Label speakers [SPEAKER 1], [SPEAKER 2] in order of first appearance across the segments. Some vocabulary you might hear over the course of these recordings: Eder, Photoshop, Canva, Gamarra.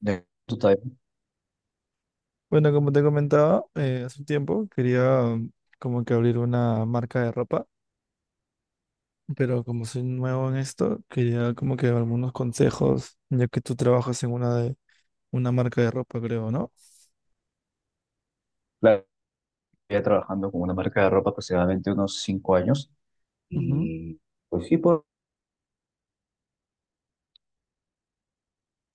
[SPEAKER 1] Ya, tú estás.
[SPEAKER 2] Bueno, como te comentaba, hace un tiempo quería como que abrir una marca de ropa, pero como soy nuevo en esto, quería como que algunos consejos, ya que tú trabajas en una marca de ropa, creo, ¿no?
[SPEAKER 1] Claro, ya trabajando con una marca de ropa aproximadamente unos 5 años
[SPEAKER 2] Ujú.
[SPEAKER 1] y pues sí,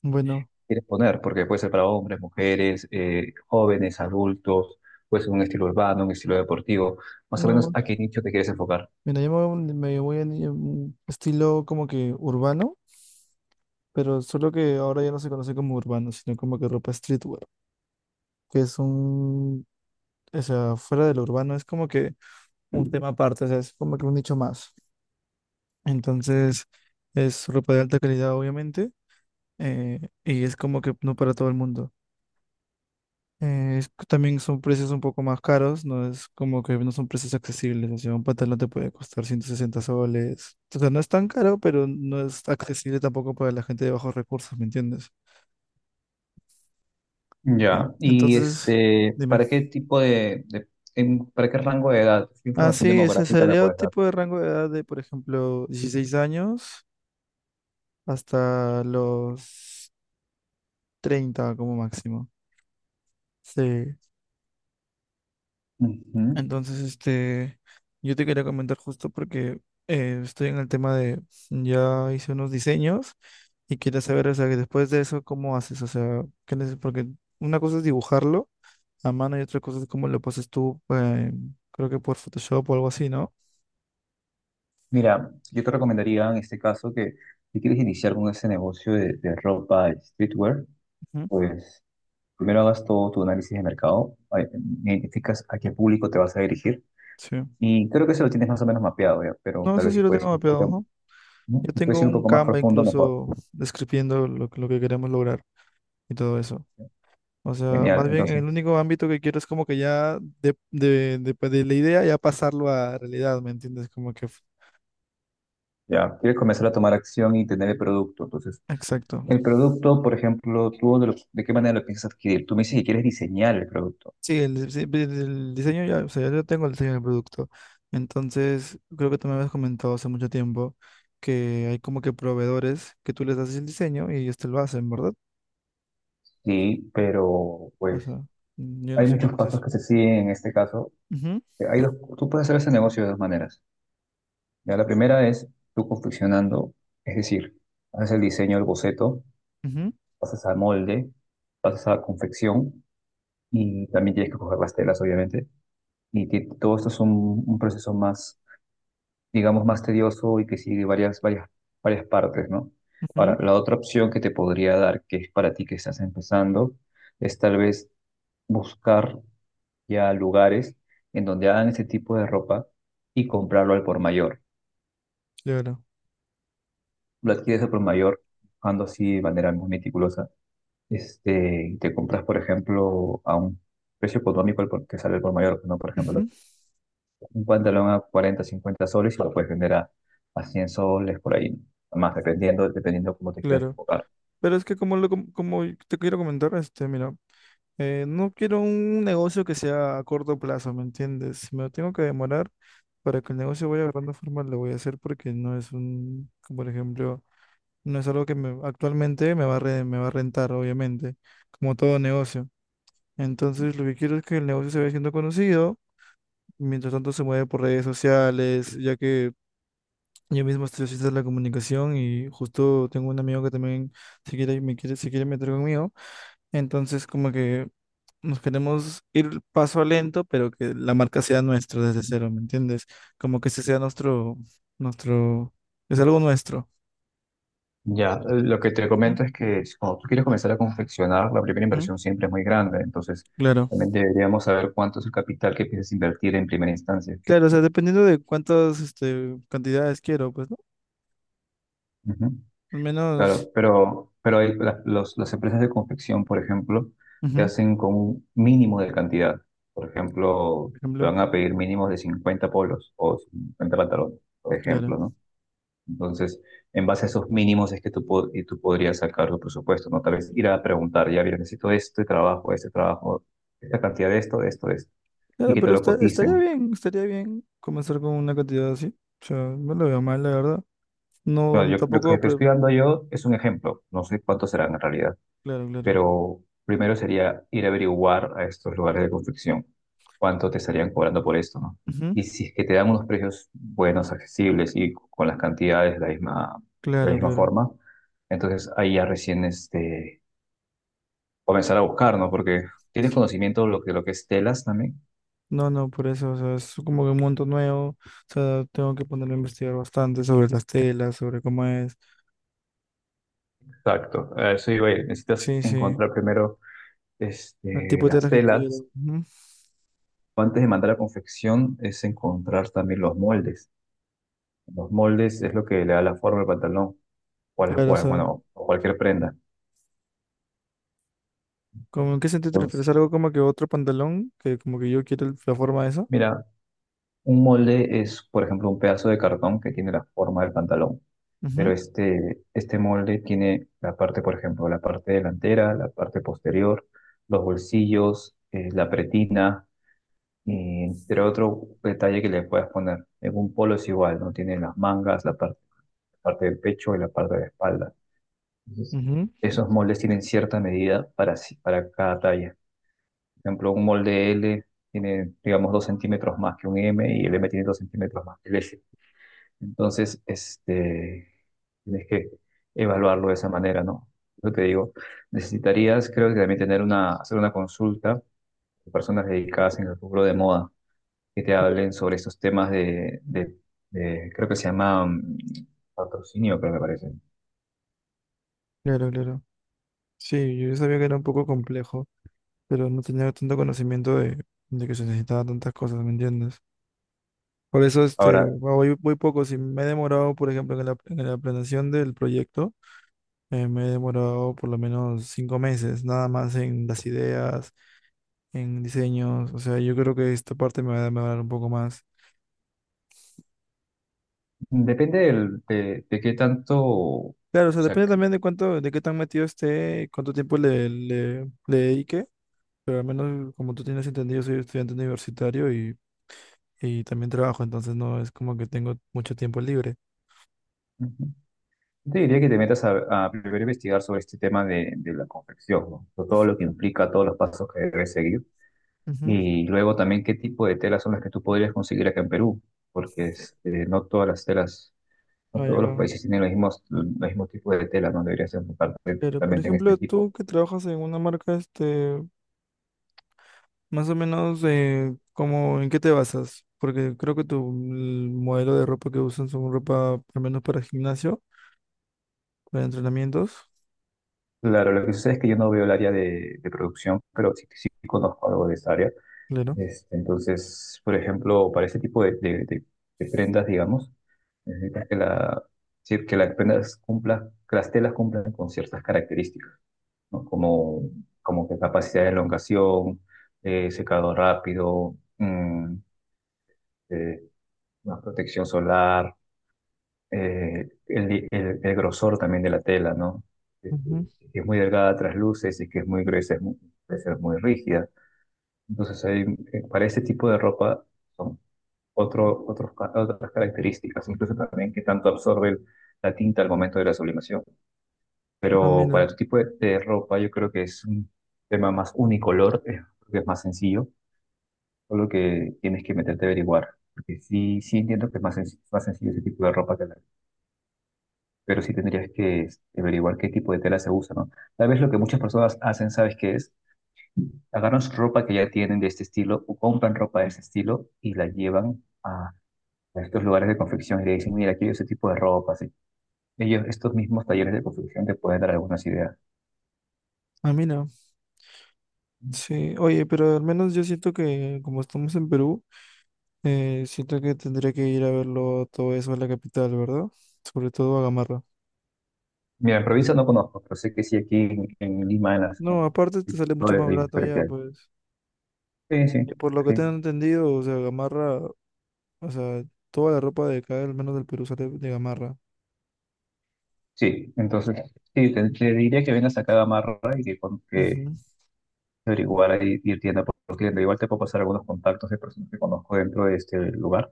[SPEAKER 2] Bueno,
[SPEAKER 1] quieres poner, porque puede ser para hombres, mujeres, jóvenes, adultos, puede ser un estilo urbano, un estilo deportivo, más o menos
[SPEAKER 2] no,
[SPEAKER 1] a qué nicho te quieres enfocar.
[SPEAKER 2] mira, me voy a ni- un estilo como que urbano, pero solo que ahora ya no se conoce como urbano, sino como que ropa streetwear, que es un, o sea, fuera de lo urbano es como que un tema aparte, o sea, es como que un nicho más. Entonces, es ropa de alta calidad, obviamente, y es como que no para todo el mundo. Es- también son precios un poco más caros, no es como que no son precios accesibles, o sea, un pantalón te puede costar 160 soles. O sea, no es tan caro, pero no es accesible tampoco para la gente de bajos recursos, ¿me entiendes?
[SPEAKER 1] Ya. Y
[SPEAKER 2] Entonces,
[SPEAKER 1] este,
[SPEAKER 2] dime.
[SPEAKER 1] ¿ para qué rango de edad? ¿Qué
[SPEAKER 2] Ah, sí,
[SPEAKER 1] información
[SPEAKER 2] ese
[SPEAKER 1] demográfica me
[SPEAKER 2] sería un
[SPEAKER 1] puedes dar?
[SPEAKER 2] tipo de rango de edad de, por ejemplo, 16 años hasta los 30 como máximo. Sí.
[SPEAKER 1] Ujú.
[SPEAKER 2] Entonces, este, yo te quería comentar justo porque estoy en el tema de, ya hice unos diseños y quería saber, o sea, que después de eso, ¿cómo haces? O sea, porque una cosa es dibujarlo a mano y otra cosa es cómo lo pasas tú, creo que por Photoshop o algo así, ¿no?
[SPEAKER 1] Mira, yo te recomendaría en este caso que si quieres iniciar con ese negocio de ropa y streetwear,
[SPEAKER 2] Ujú.
[SPEAKER 1] pues primero hagas todo tu análisis de mercado, identificas a qué público te vas a dirigir
[SPEAKER 2] Sí.
[SPEAKER 1] y creo que eso lo tienes más o menos mapeado ya, pero
[SPEAKER 2] No,
[SPEAKER 1] tal
[SPEAKER 2] eso
[SPEAKER 1] vez
[SPEAKER 2] sí
[SPEAKER 1] si
[SPEAKER 2] lo tengo
[SPEAKER 1] puedes ir un
[SPEAKER 2] mapeado,
[SPEAKER 1] poquito,
[SPEAKER 2] ajá.
[SPEAKER 1] ¿no?
[SPEAKER 2] Yo
[SPEAKER 1] Si puedes
[SPEAKER 2] tengo
[SPEAKER 1] ir un
[SPEAKER 2] un
[SPEAKER 1] poco más
[SPEAKER 2] Canva
[SPEAKER 1] profundo, mejor.
[SPEAKER 2] incluso describiendo lo que queremos lograr y todo eso. O sea,
[SPEAKER 1] Genial.
[SPEAKER 2] más bien el
[SPEAKER 1] Entonces,
[SPEAKER 2] único ámbito que quiero es como que ya de, pues, de la idea ya pasarlo a realidad, ¿me entiendes? Como que.
[SPEAKER 1] ya, quieres comenzar a tomar acción y tener el producto. Entonces,
[SPEAKER 2] Exacto.
[SPEAKER 1] el producto, por ejemplo, ¿tú de qué manera lo piensas adquirir? Tú me dices que quieres diseñar el producto.
[SPEAKER 2] Sí, el diseño ya, o sea, yo tengo el diseño del producto. Entonces, creo que tú me habías comentado hace mucho tiempo que hay como que proveedores que tú les das el diseño y ellos te lo hacen, ¿verdad?
[SPEAKER 1] Sí, pero
[SPEAKER 2] O sea,
[SPEAKER 1] pues
[SPEAKER 2] yo no
[SPEAKER 1] hay
[SPEAKER 2] sé
[SPEAKER 1] muchos
[SPEAKER 2] cómo es
[SPEAKER 1] pasos
[SPEAKER 2] eso.
[SPEAKER 1] que se siguen en este caso.
[SPEAKER 2] Ujú,
[SPEAKER 1] Hay dos, tú puedes hacer ese negocio de dos maneras. Ya, la primera es tú confeccionando, es decir, haces el diseño del boceto,
[SPEAKER 2] ujú,
[SPEAKER 1] pasas al molde, pasas a la confección y también tienes que coger las telas, obviamente. Y todo esto es un proceso más, digamos, más tedioso y que sigue varias partes, ¿no?
[SPEAKER 2] ujú.
[SPEAKER 1] Ahora, la otra opción que te podría dar, que es para ti que estás empezando, es tal vez buscar ya lugares en donde hagan ese tipo de ropa y comprarlo al por mayor.
[SPEAKER 2] Claro.
[SPEAKER 1] Lo adquieres al por mayor, buscando así de manera muy meticulosa. Este, te compras, por ejemplo, a un precio económico que sale el por mayor, ¿no? Por ejemplo,
[SPEAKER 2] Ujú.
[SPEAKER 1] un pantalón a 40 50 soles y lo puedes vender a 100 soles por ahí, ¿no? Más dependiendo, dependiendo cómo te quieras
[SPEAKER 2] Claro.
[SPEAKER 1] enfocar.
[SPEAKER 2] Pero es que como te quiero comentar, este, mira. No quiero un negocio que sea a corto plazo, ¿me entiendes? Si me lo tengo que demorar para que el negocio vaya agarrando forma, lo voy a hacer porque no es un, como por ejemplo, no es algo que actualmente me va a rentar, obviamente, como todo negocio. Entonces, lo que quiero es que el negocio se vaya siendo conocido, mientras tanto se mueve por redes sociales, ya que yo mismo estoy haciendo la comunicación y justo tengo un amigo que también se quiere meter conmigo. Entonces, como que nos queremos ir paso a lento, pero que la marca sea nuestra desde cero, ¿me entiendes? Como que ese sea nuestro, nuestro, es algo nuestro.
[SPEAKER 1] Ya, lo que te
[SPEAKER 2] Ujú,
[SPEAKER 1] comento es que cuando tú quieres comenzar a confeccionar, la primera
[SPEAKER 2] ujú.
[SPEAKER 1] inversión siempre es muy grande, entonces
[SPEAKER 2] Claro.
[SPEAKER 1] también deberíamos saber cuánto es el capital que piensas invertir en primera instancia.
[SPEAKER 2] Claro, o sea, dependiendo de cuántas, este, cantidades quiero, pues, ¿no?
[SPEAKER 1] Ujú.
[SPEAKER 2] Al menos,
[SPEAKER 1] Claro, pero hay, las empresas de confección, por ejemplo, te
[SPEAKER 2] ujú,
[SPEAKER 1] hacen con un mínimo de cantidad. Por ejemplo,
[SPEAKER 2] por
[SPEAKER 1] te
[SPEAKER 2] ejemplo,
[SPEAKER 1] van a pedir mínimos de 50 polos o 50 pantalones, por
[SPEAKER 2] claro.
[SPEAKER 1] ejemplo, ¿no? Entonces, en base a esos mínimos es que y tú podrías sacar tu presupuesto, ¿no? Tal vez ir a preguntar, ya, mira, necesito este trabajo, esta cantidad de esto, de esto, de esto, y
[SPEAKER 2] Claro,
[SPEAKER 1] que te
[SPEAKER 2] pero
[SPEAKER 1] lo coticen.
[SPEAKER 2] estaría bien comenzar con una cantidad así. O sea, no lo veo mal, la verdad. No,
[SPEAKER 1] No, yo, lo que
[SPEAKER 2] tampoco,
[SPEAKER 1] te estoy dando yo es un ejemplo, no sé cuántos serán en realidad,
[SPEAKER 2] claro, claro.
[SPEAKER 1] pero primero sería ir a averiguar a estos lugares de confección cuánto te estarían cobrando por esto, ¿no?
[SPEAKER 2] Ujú.
[SPEAKER 1] Y si es que te dan unos precios buenos, accesibles y con las cantidades de la
[SPEAKER 2] Claro,
[SPEAKER 1] misma
[SPEAKER 2] claro.
[SPEAKER 1] forma, entonces ahí ya recién este, comenzar a buscar, ¿no? Porque tienes conocimiento lo que es telas también.
[SPEAKER 2] No, no, por eso, o sea, es como que un mundo nuevo, o sea, tengo que ponerme a investigar bastante sobre las telas, sobre cómo es,
[SPEAKER 1] Exacto, a eso iba a ir. Necesitas
[SPEAKER 2] sí, sí,
[SPEAKER 1] encontrar primero
[SPEAKER 2] el
[SPEAKER 1] este,
[SPEAKER 2] tipo de
[SPEAKER 1] las
[SPEAKER 2] telas que quiero,
[SPEAKER 1] telas.
[SPEAKER 2] ujú.
[SPEAKER 1] Antes de mandar a confección es encontrar también los moldes. Los moldes es lo que le da la forma al pantalón, o a las-
[SPEAKER 2] Claro, o
[SPEAKER 1] o- a-
[SPEAKER 2] sea,
[SPEAKER 1] bueno, o cualquier prenda.
[SPEAKER 2] como en qué sentido te
[SPEAKER 1] Entonces,
[SPEAKER 2] refieres, algo como que otro pantalón, que como que yo quiero la forma de eso.
[SPEAKER 1] mira, un molde es, por ejemplo, un pedazo de cartón que tiene la forma del pantalón, pero
[SPEAKER 2] Ujú,
[SPEAKER 1] este molde tiene la parte, por ejemplo, la parte delantera, la parte posterior, los bolsillos, la pretina, y entre otro detalle que le puedas poner. En un polo es igual, ¿no? Tiene las mangas, la parte, parte del pecho y la parte de la espalda. Entonces,
[SPEAKER 2] ujú.
[SPEAKER 1] esos moldes tienen cierta medida para, para cada talla. Por ejemplo, un molde L tiene, digamos, 2 centímetros más que un M y el M tiene 2 centímetros más que el S. Entonces, este, tienes que evaluarlo de esa manera, ¿no? Yo te digo, necesitarías, creo que también tener una, hacer una consulta de personas dedicadas en el rubro de moda que te hablen sobre estos temas creo que se llama patrocinio, creo que me parece.
[SPEAKER 2] Claro, claro, sí, yo sabía que era un poco complejo, pero no tenía tanto conocimiento de que se necesitaban tantas cosas, ¿me entiendes? Por eso, este,
[SPEAKER 1] Ahora,
[SPEAKER 2] voy, voy poco, si me he demorado, por ejemplo, en la planeación del proyecto. Me he demorado por lo menos 5 meses, nada más en las ideas, en diseños. O sea, yo creo que esta parte me va a demorar un poco más.
[SPEAKER 1] depende de qué tanto, o
[SPEAKER 2] Claro, o sea,
[SPEAKER 1] sea,
[SPEAKER 2] depende también de cuánto, de qué tan metido esté, cuánto tiempo le, le, le dedique. Pero al menos, como tú tienes entendido, soy estudiante universitario y también trabajo, entonces no es como que tengo mucho tiempo libre.
[SPEAKER 1] yo te diría que te metas a primero investigar sobre este tema de la confección, ¿no? Sobre todo lo que implica, todos los pasos que debes seguir.
[SPEAKER 2] Ujú.
[SPEAKER 1] Y luego también qué tipo de telas son las que tú podrías conseguir acá en Perú, porque este, no todas las telas, no
[SPEAKER 2] No, ya
[SPEAKER 1] todos los
[SPEAKER 2] acabo.
[SPEAKER 1] países tienen los mismos tipos de telas, no deberías enfocarte
[SPEAKER 2] Pero, por
[SPEAKER 1] totalmente en este
[SPEAKER 2] ejemplo,
[SPEAKER 1] tipo.
[SPEAKER 2] tú que trabajas en una marca, este, más o menos, como, ¿en qué te basas? Porque creo que tu el modelo de ropa que usan son ropa, al menos para gimnasio, para entrenamientos.
[SPEAKER 1] Claro, lo que sucede es que yo no veo el área de producción, pero sí, sí conozco algo de esa área.
[SPEAKER 2] Claro.
[SPEAKER 1] Este, entonces, por ejemplo, para este tipo de prendas, digamos, necesitas que sí, que las prendas cumplan, que las telas cumplan con ciertas características, ¿no? Como que capacidad de elongación, secado rápido, eh, más protección solar, el grosor también de la tela, ¿no? Si es
[SPEAKER 2] Ujú.
[SPEAKER 1] que es muy delgada, trasluce, si es que es muy gruesa, puede ser muy rígida. Entonces, para este tipo de ropa, son otro, otros otras características, incluso también que tanto absorbe la tinta al momento de la sublimación.
[SPEAKER 2] Ah,
[SPEAKER 1] Pero
[SPEAKER 2] mira.
[SPEAKER 1] para tu tipo de ropa, yo creo que es un tema más unicolor, porque es más sencillo, solo que tienes que meterte a averiguar. Porque sí, sí entiendo que es más sencillo ese tipo de ropa que la, pero sí tendrías que este, averiguar qué tipo de tela se usa, ¿no? Tal vez lo que muchas personas hacen, ¿sabes qué es? Agarran su ropa que ya tienen de este estilo o compran ropa de este estilo y la llevan a estos lugares de confección y le dicen, mira, quiero ese tipo de ropa así. Ellos, estos mismos talleres de confección te pueden dar algunas ideas.
[SPEAKER 2] Ah, mira. Sí. Oye, pero al menos yo siento que, como estamos en Perú, siento que tendría que ir a verlo todo eso en la capital, ¿verdad? Sobre todo a Gamarra.
[SPEAKER 1] Mira, en provincia no conozco, pero sé que sí aquí en Lima, en las,
[SPEAKER 2] No,
[SPEAKER 1] en
[SPEAKER 2] aparte te
[SPEAKER 1] en
[SPEAKER 2] sale
[SPEAKER 1] todo
[SPEAKER 2] mucho más
[SPEAKER 1] el
[SPEAKER 2] barato
[SPEAKER 1] Imperio
[SPEAKER 2] allá,
[SPEAKER 1] que
[SPEAKER 2] pues.
[SPEAKER 1] hay. Sí,
[SPEAKER 2] Y
[SPEAKER 1] sí,
[SPEAKER 2] por lo que
[SPEAKER 1] sí.
[SPEAKER 2] tengo entendido, o sea, Gamarra, o sea, toda la ropa de acá, al menos del Perú, sale de Gamarra.
[SPEAKER 1] Sí, entonces, sí, te diría que vengas acá a Gamarra y que, que
[SPEAKER 2] Ujú.
[SPEAKER 1] averiguar ahí, ir tienda por tienda. Igual te puedo pasar algunos contactos de personas que conozco dentro de este lugar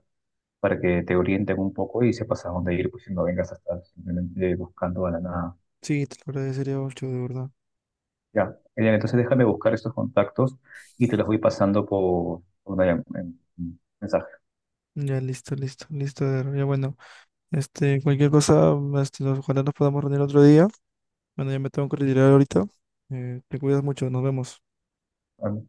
[SPEAKER 1] para que te orienten un poco y sepas a dónde ir, pues si no vengas a estar simplemente buscando a la nada.
[SPEAKER 2] Sí, te lo agradecería mucho, de verdad.
[SPEAKER 1] Ya, Elian, entonces déjame buscar estos contactos y te los voy pasando por en mensaje.
[SPEAKER 2] Ya, listo, listo, listo. Eder. Ya, bueno, este, cualquier cosa, este, ojalá nos podamos reunir otro día. Bueno, ya me tengo que retirar ahorita. Te cuidas mucho, nos vemos.
[SPEAKER 1] ¿Vale?